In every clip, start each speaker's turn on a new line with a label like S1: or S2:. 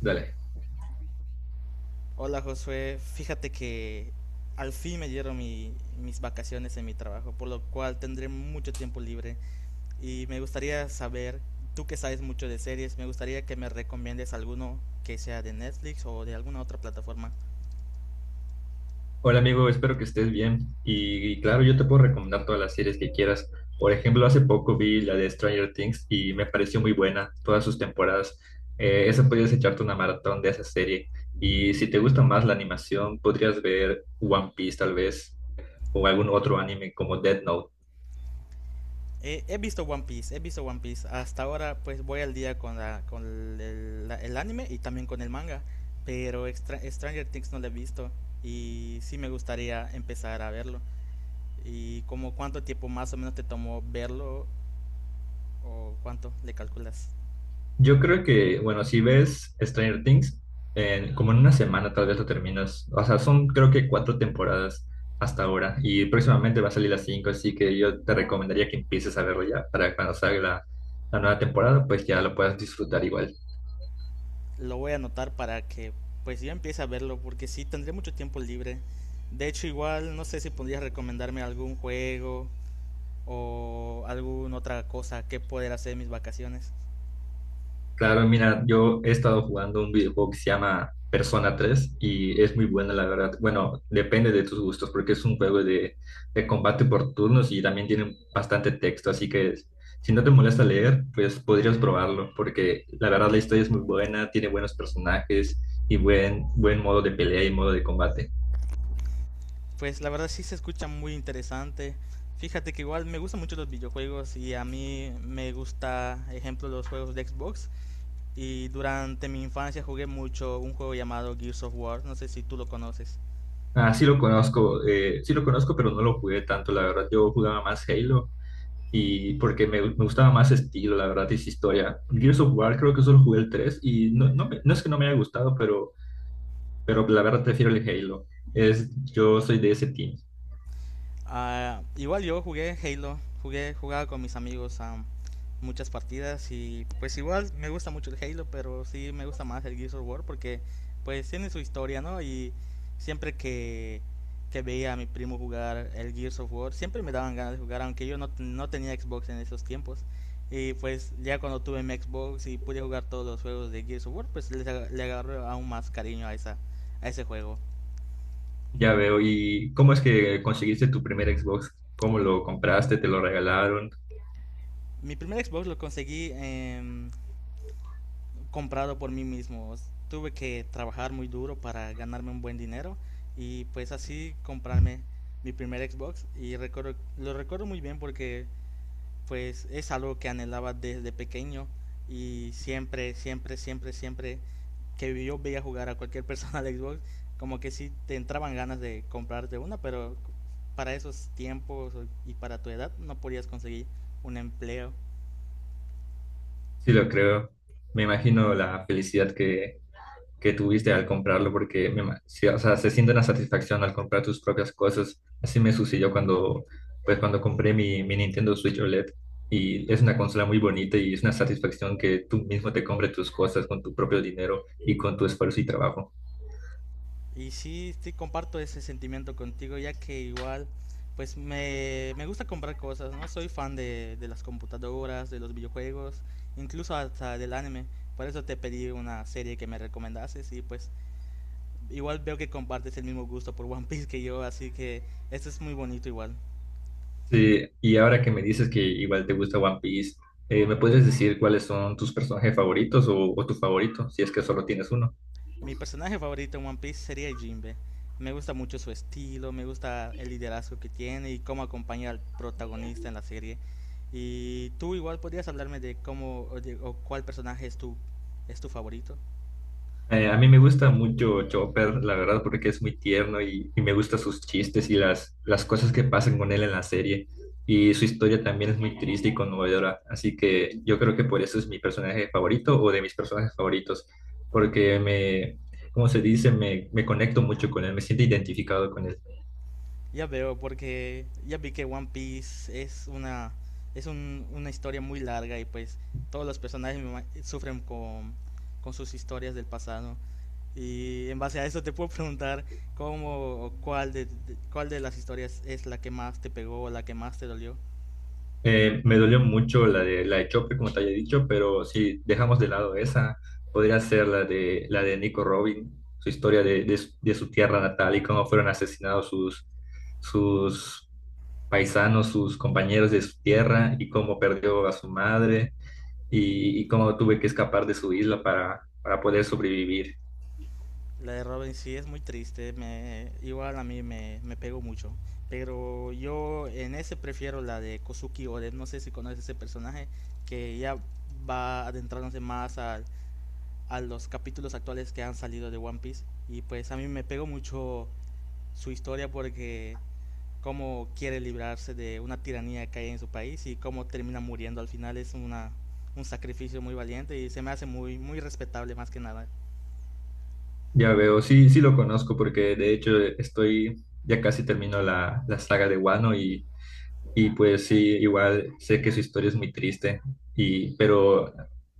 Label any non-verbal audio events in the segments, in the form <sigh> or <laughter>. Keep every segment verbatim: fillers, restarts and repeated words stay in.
S1: Dale.
S2: Hola Josué, fíjate que al fin me dieron mi- mis vacaciones en mi trabajo, por lo cual tendré mucho tiempo libre y me gustaría saber, tú que sabes mucho de series, me gustaría que me recomiendes alguno que sea de Netflix o de alguna otra plataforma.
S1: Hola amigo, espero que estés bien. Y, y claro, yo te puedo recomendar todas las series que quieras. Por ejemplo, hace poco vi la de Stranger Things y me pareció muy buena, todas sus temporadas. Eh, esa podrías echarte una maratón de esa serie. Y si te gusta más la animación, podrías ver One Piece tal vez, o algún otro anime como Death Note.
S2: Eh, he visto One Piece, he visto One Piece, hasta ahora pues voy al día con, la- con el, la- el anime y también con el manga, pero Extra- Stranger Things no lo he visto y sí me gustaría empezar a verlo. ¿Y como cuánto tiempo más o menos te tomó verlo o cuánto le calculas?
S1: Yo creo que, bueno, si ves Stranger Things, en- como en una semana tal vez lo terminas. O sea, son creo que cuatro temporadas hasta ahora y próximamente va a salir las cinco, así que yo te recomendaría que empieces a verlo ya para cuando salga la, la nueva temporada, pues ya lo puedas disfrutar igual.
S2: Lo voy a anotar para que pues yo empiece a verlo porque sí tendré mucho tiempo libre. De hecho igual no sé si podrías recomendarme algún juego o alguna otra cosa que poder hacer en mis vacaciones.
S1: Claro, mira, yo he estado jugando un videojuego que se llama Persona tres y es muy buena, la verdad. Bueno, depende de tus gustos porque es un juego de, de combate por turnos y también tiene bastante texto, así que si no te molesta leer, pues podrías probarlo porque la verdad la historia es muy buena, tiene buenos personajes y buen, buen modo de pelea y modo de combate.
S2: Pues la verdad sí se escucha muy interesante. Fíjate que igual me gustan mucho los videojuegos y a mí me gusta, ejemplo, los juegos de Xbox. Y durante mi infancia jugué mucho un juego llamado Gears of War, no sé si tú lo conoces.
S1: Ah, sí lo conozco, eh, sí lo conozco, pero no lo jugué tanto, la verdad. Yo jugaba más Halo. Y porque me, me gustaba más estilo, la verdad, y esa historia. Gears of War creo que solo jugué el tres y no, no, me- no es que no me haya gustado, pero, pero la verdad prefiero el Halo. Es, yo soy de ese team.
S2: Ah, igual yo jugué Halo, jugué, jugaba con mis amigos a muchas partidas y pues igual me gusta mucho el Halo, pero sí me gusta más el Gears of War porque pues tiene su historia, ¿no? Y siempre que, que veía a mi primo jugar el Gears of War, siempre me daban ganas de jugar, aunque yo no, no tenía Xbox en esos tiempos. Y pues ya cuando tuve mi Xbox y pude jugar todos los juegos de Gears of War, pues les aga- le agarré aún más cariño a, esa, a ese juego.
S1: Ya veo. ¿Y cómo es que conseguiste tu primer Xbox? ¿Cómo lo compraste? ¿Te lo regalaron?
S2: Mi primer Xbox lo conseguí en comprado por mí mismo. Tuve que trabajar muy duro para ganarme un buen dinero y pues así comprarme mi primer Xbox y recuerdo, lo recuerdo muy bien porque pues es algo que anhelaba desde pequeño y siempre, siempre, siempre, siempre que yo veía jugar a cualquier <laughs> persona al Xbox, como que sí te entraban ganas de comprarte una, pero para esos tiempos y para tu edad no podías conseguir un empleo.
S1: Sí, lo creo. Me imagino la felicidad que, que tuviste al comprarlo, porque me ima- sí, o sea, se siente una satisfacción al comprar tus propias cosas. Así me sucedió cuando, pues, cuando compré mi, mi Nintendo Switch O L E D y es una consola muy bonita y es una satisfacción que tú mismo te compres tus cosas con tu propio dinero y con tu esfuerzo y trabajo.
S2: Y sí, sí, comparto ese sentimiento contigo, ya que igual, pues me, me gusta comprar cosas, ¿no? Soy fan de, de las computadoras, de los videojuegos, incluso hasta del anime. Por eso te pedí una serie que me recomendases y pues igual veo que compartes el mismo gusto por One Piece que yo, así que esto es muy bonito igual.
S1: Sí, y ahora que me dices que igual te gusta One Piece, eh, ¿me puedes decir cuáles son tus personajes favoritos o, o tu favorito, si es que solo tienes uno?
S2: Mi personaje favorito en One Piece sería Jinbe. Me gusta mucho su estilo, me gusta el liderazgo que tiene y cómo acompaña al protagonista en la serie. Y tú igual podrías hablarme de cómo o, de- o cuál personaje es tu, es tu favorito.
S1: Eh, a mí me gusta mucho Chopper, la verdad, porque es muy tierno y, y me gustan sus chistes y las, las cosas que pasan con él en la serie. Y su historia también es muy triste y conmovedora. Así que yo creo que por eso es mi personaje favorito o de mis personajes favoritos, porque me, como se dice? Me, me conecto mucho con él, me siento identificado con él.
S2: Ya veo, porque ya vi que One Piece es una, es un- una historia muy larga y pues todos los personajes me ima- sufren con, con sus historias del pasado. Y en base a eso te puedo preguntar cómo o cuál de, de- cuál de las historias es la que más te pegó, o la que más te dolió.
S1: Eh, me dolió mucho la de la de Chope, como te había dicho, pero si dejamos de lado esa, podría ser la de la de Nico Robin, su historia de, de su de su tierra natal y cómo fueron asesinados sus, sus paisanos, sus compañeros de su tierra y cómo perdió a su madre y, y cómo tuve que escapar de su isla para, para poder sobrevivir.
S2: La de Robin sí es muy triste, me, igual a mí me, me pegó mucho. Pero yo en ese prefiero la de Kozuki Oren, no sé si conoces ese personaje que ya va adentrándose más al, a los capítulos actuales que han salido de One Piece. Y pues a mí me pegó mucho su historia porque cómo quiere librarse de una tiranía que hay en su país y cómo termina muriendo al final es una, un sacrificio muy valiente y se me hace muy, muy respetable más que nada.
S1: Ya veo, sí, sí lo conozco porque de hecho estoy, ya casi termino la, la saga de Wano y... Y pues sí, igual sé que su historia es muy triste, y, pero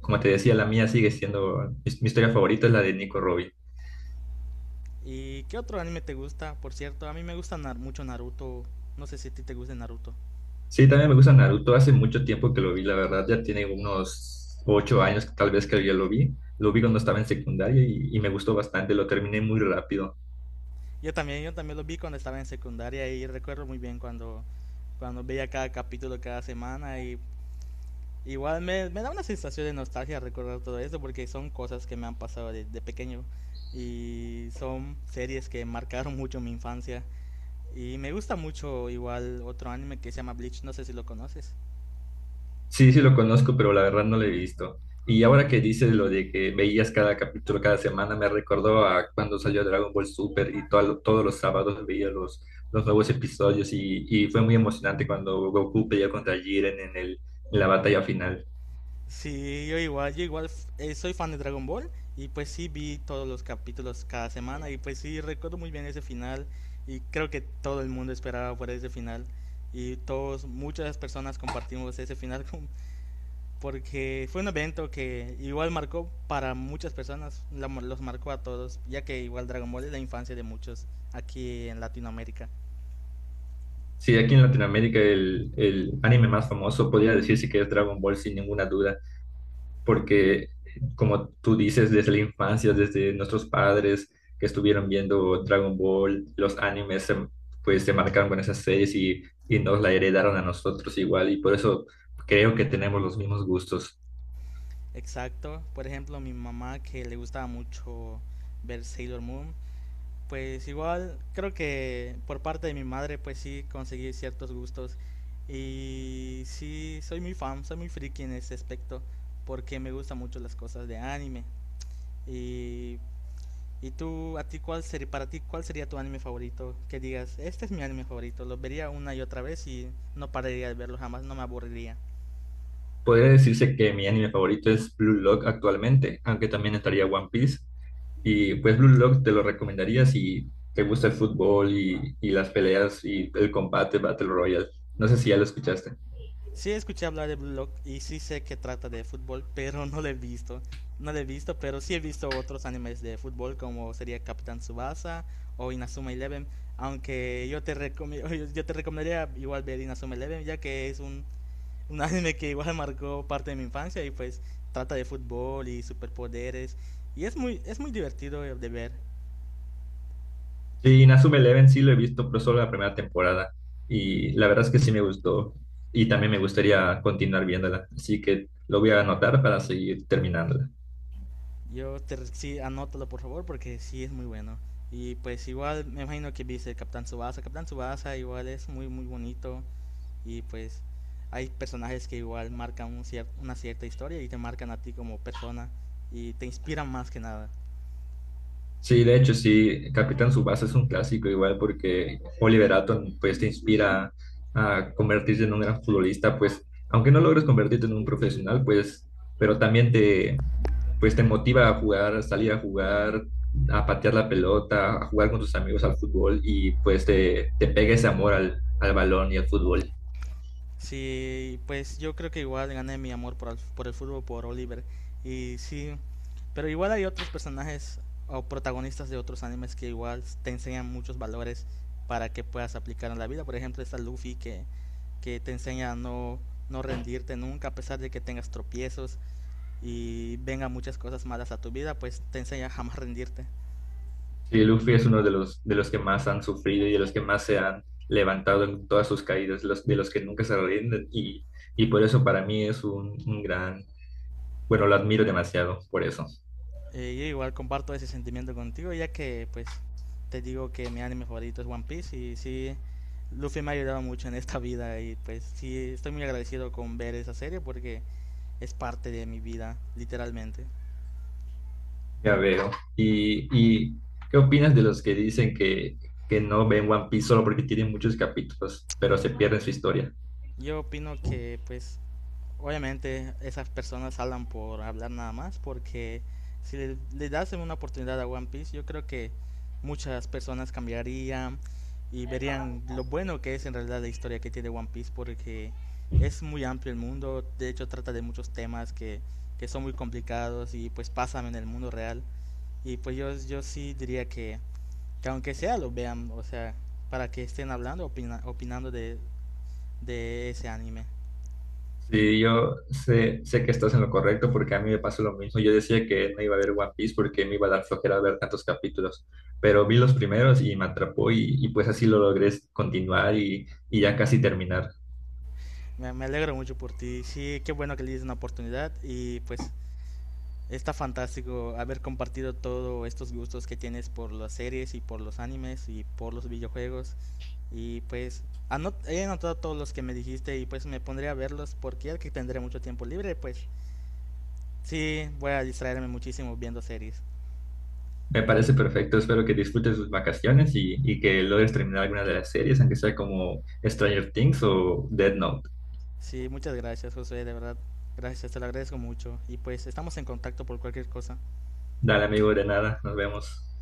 S1: como te decía, la mía sigue siendo, mi, mi historia favorita es la de Nico Robin.
S2: ¿Y qué otro anime te gusta? Por cierto, a mí me gusta nar- mucho Naruto. No sé si a ti te gusta Naruto.
S1: Sí, también me gusta Naruto, hace mucho tiempo que lo vi, la verdad, ya tiene unos ocho años tal vez que yo lo vi, lo vi cuando estaba en secundaria y, y me gustó bastante, lo terminé muy rápido.
S2: Yo también, yo también lo vi cuando estaba en secundaria y recuerdo muy bien cuando, cuando veía cada capítulo cada semana. Y igual me, me da una sensación de nostalgia recordar todo esto porque son cosas que me han pasado de, de pequeño y son series que marcaron mucho mi infancia. Y me gusta mucho igual otro anime que se llama Bleach, no sé si lo conoces.
S1: Sí, sí lo conozco, pero la verdad no lo he visto. Y ahora que dices lo de que veías cada capítulo cada semana, me recordó a cuando salió Dragon Ball Super y todo- todos los sábados veía los, los nuevos episodios y, y fue muy emocionante cuando Goku peleó contra Jiren en el, en la batalla final.
S2: Sí, yo igual, yo igual eh, soy fan de Dragon Ball y pues sí vi todos los capítulos cada semana y pues sí recuerdo muy bien ese final y creo que todo el mundo esperaba por ese final y todos, muchas personas compartimos ese final <laughs> con porque fue un evento que igual marcó para muchas personas, la- los marcó a todos, ya que igual Dragon Ball es la infancia de muchos aquí en Latinoamérica.
S1: Sí, aquí en Latinoamérica el, el anime más famoso podría decirse que es Dragon Ball sin ninguna duda, porque como tú dices, desde la infancia, desde nuestros padres que estuvieron viendo Dragon Ball, los animes, se- pues se marcaron con esas series y, y nos la heredaron a nosotros igual, y por eso creo que tenemos los mismos gustos.
S2: Exacto, por ejemplo, mi mamá que le gustaba mucho ver Sailor Moon, pues igual creo que por parte de mi madre pues sí conseguí ciertos gustos y sí soy muy fan, soy muy friki en ese aspecto porque me gustan mucho las cosas de anime. Y ¿Y tú, a ti cuál sería, para ti, cuál sería tu anime favorito? Que digas, este es mi anime favorito, lo vería una y otra vez y no pararía de verlo jamás, no me aburriría.
S1: Podría decirse que mi anime favorito es Blue Lock actualmente, aunque también estaría One Piece. Y pues Blue Lock te lo recomendaría si te gusta el fútbol y, y las peleas y el combate Battle Royale. No sé si ya lo escuchaste.
S2: Sí escuché hablar de Blue Lock y sí sé que trata de fútbol, <laughs> pero no lo he visto. No lo he visto, pero sí he visto otros animes de fútbol como sería Capitán Tsubasa o Inazuma Eleven, aunque yo te, recom- <laughs> yo te recomendaría igual ver Inazuma Eleven ya que es un un anime que igual <laughs> marcó parte de mi infancia y pues trata de fútbol y superpoderes y es muy es muy divertido de ver.
S1: Sí, Inazuma Eleven sí lo he visto, pero solo la primera temporada. Y la verdad es que sí me gustó. Y también me gustaría continuar viéndola. Así que lo voy a anotar para seguir terminándola.
S2: Yo te sí anótalo por favor porque sí es muy bueno. Y pues igual me imagino que viste Capitán Subasa, Capitán Subasa igual es muy muy bonito y pues hay personajes que igual marcan un cier- una cierta historia y te marcan a ti como persona y te inspiran más que nada.
S1: Sí, de hecho, sí, Capitán Subasa es un clásico igual porque Oliver Atom pues te inspira a convertirte en un gran futbolista, pues aunque no logres convertirte en un profesional, pues pero también te pues te motiva a jugar, a salir a jugar, a patear la pelota, a jugar con tus amigos al fútbol y pues te, te pega ese amor al, al balón y al fútbol.
S2: Sí, pues yo creo que igual gané mi amor por el, por el fútbol por Oliver. Y sí, pero igual hay otros personajes o protagonistas de otros animes que igual te enseñan muchos valores para que puedas aplicar en la vida. Por ejemplo, está Luffy que, que te enseña a no, no rendirte nunca a pesar de que tengas tropiezos y vengan muchas cosas malas a tu vida, pues te enseña a jamás rendirte.
S1: Sí, Luffy es uno de los, de los que más han sufrido y de los que más se han levantado en todas sus caídas, los, de los que nunca se rinden y, y por eso para mí es un, un gran, bueno, lo admiro demasiado por eso.
S2: Eh, yo igual comparto ese sentimiento contigo, ya que pues te digo que mi anime favorito es One Piece y sí, Luffy me ha ayudado mucho en esta <laughs> vida y pues sí, estoy muy agradecido con ver esa serie porque es parte de mi vida, literalmente.
S1: Ya veo. ¿Y, y qué opinas de los que dicen que, que no ven One Piece solo porque tienen muchos capítulos, pero se pierden su historia?
S2: Yo opino que pues obviamente esas personas hablan por hablar nada más porque si le, le das una oportunidad a One Piece, yo creo que muchas personas cambiarían y verían lo bueno que es en realidad la historia que tiene One Piece porque es muy amplio el mundo, de hecho trata de muchos temas que, que son muy complicados y pues pasan en el mundo real y pues yo, yo sí diría que, que aunque sea lo vean, o sea, para que estén hablando, opina- opinando de, de ese anime.
S1: Sí, yo sé, sé que estás en lo correcto porque a mí me pasó lo mismo. Yo decía que no iba a ver One Piece porque me iba a dar flojera ver tantos capítulos, pero vi los primeros y me atrapó y, y pues así lo logré continuar y, y ya casi terminar.
S2: Me, me alegro mucho por ti. Sí, qué bueno que le diste una oportunidad y pues está fantástico haber compartido todos estos gustos que tienes por las series y por los animes y por los videojuegos. Y pues anot he anotado todos los que me dijiste y pues me pondré a verlos porque ya que tendré mucho tiempo libre, pues sí, voy a distraerme muchísimo viendo series.
S1: Me parece perfecto, espero que disfrutes tus vacaciones y, y que logres terminar alguna de las series, aunque sea como Stranger Things o Dead Note.
S2: Sí, muchas gracias José, de verdad. Gracias, te lo agradezco mucho. Y pues estamos en contacto por cualquier cosa.
S1: Dale, amigo, de nada, nos vemos.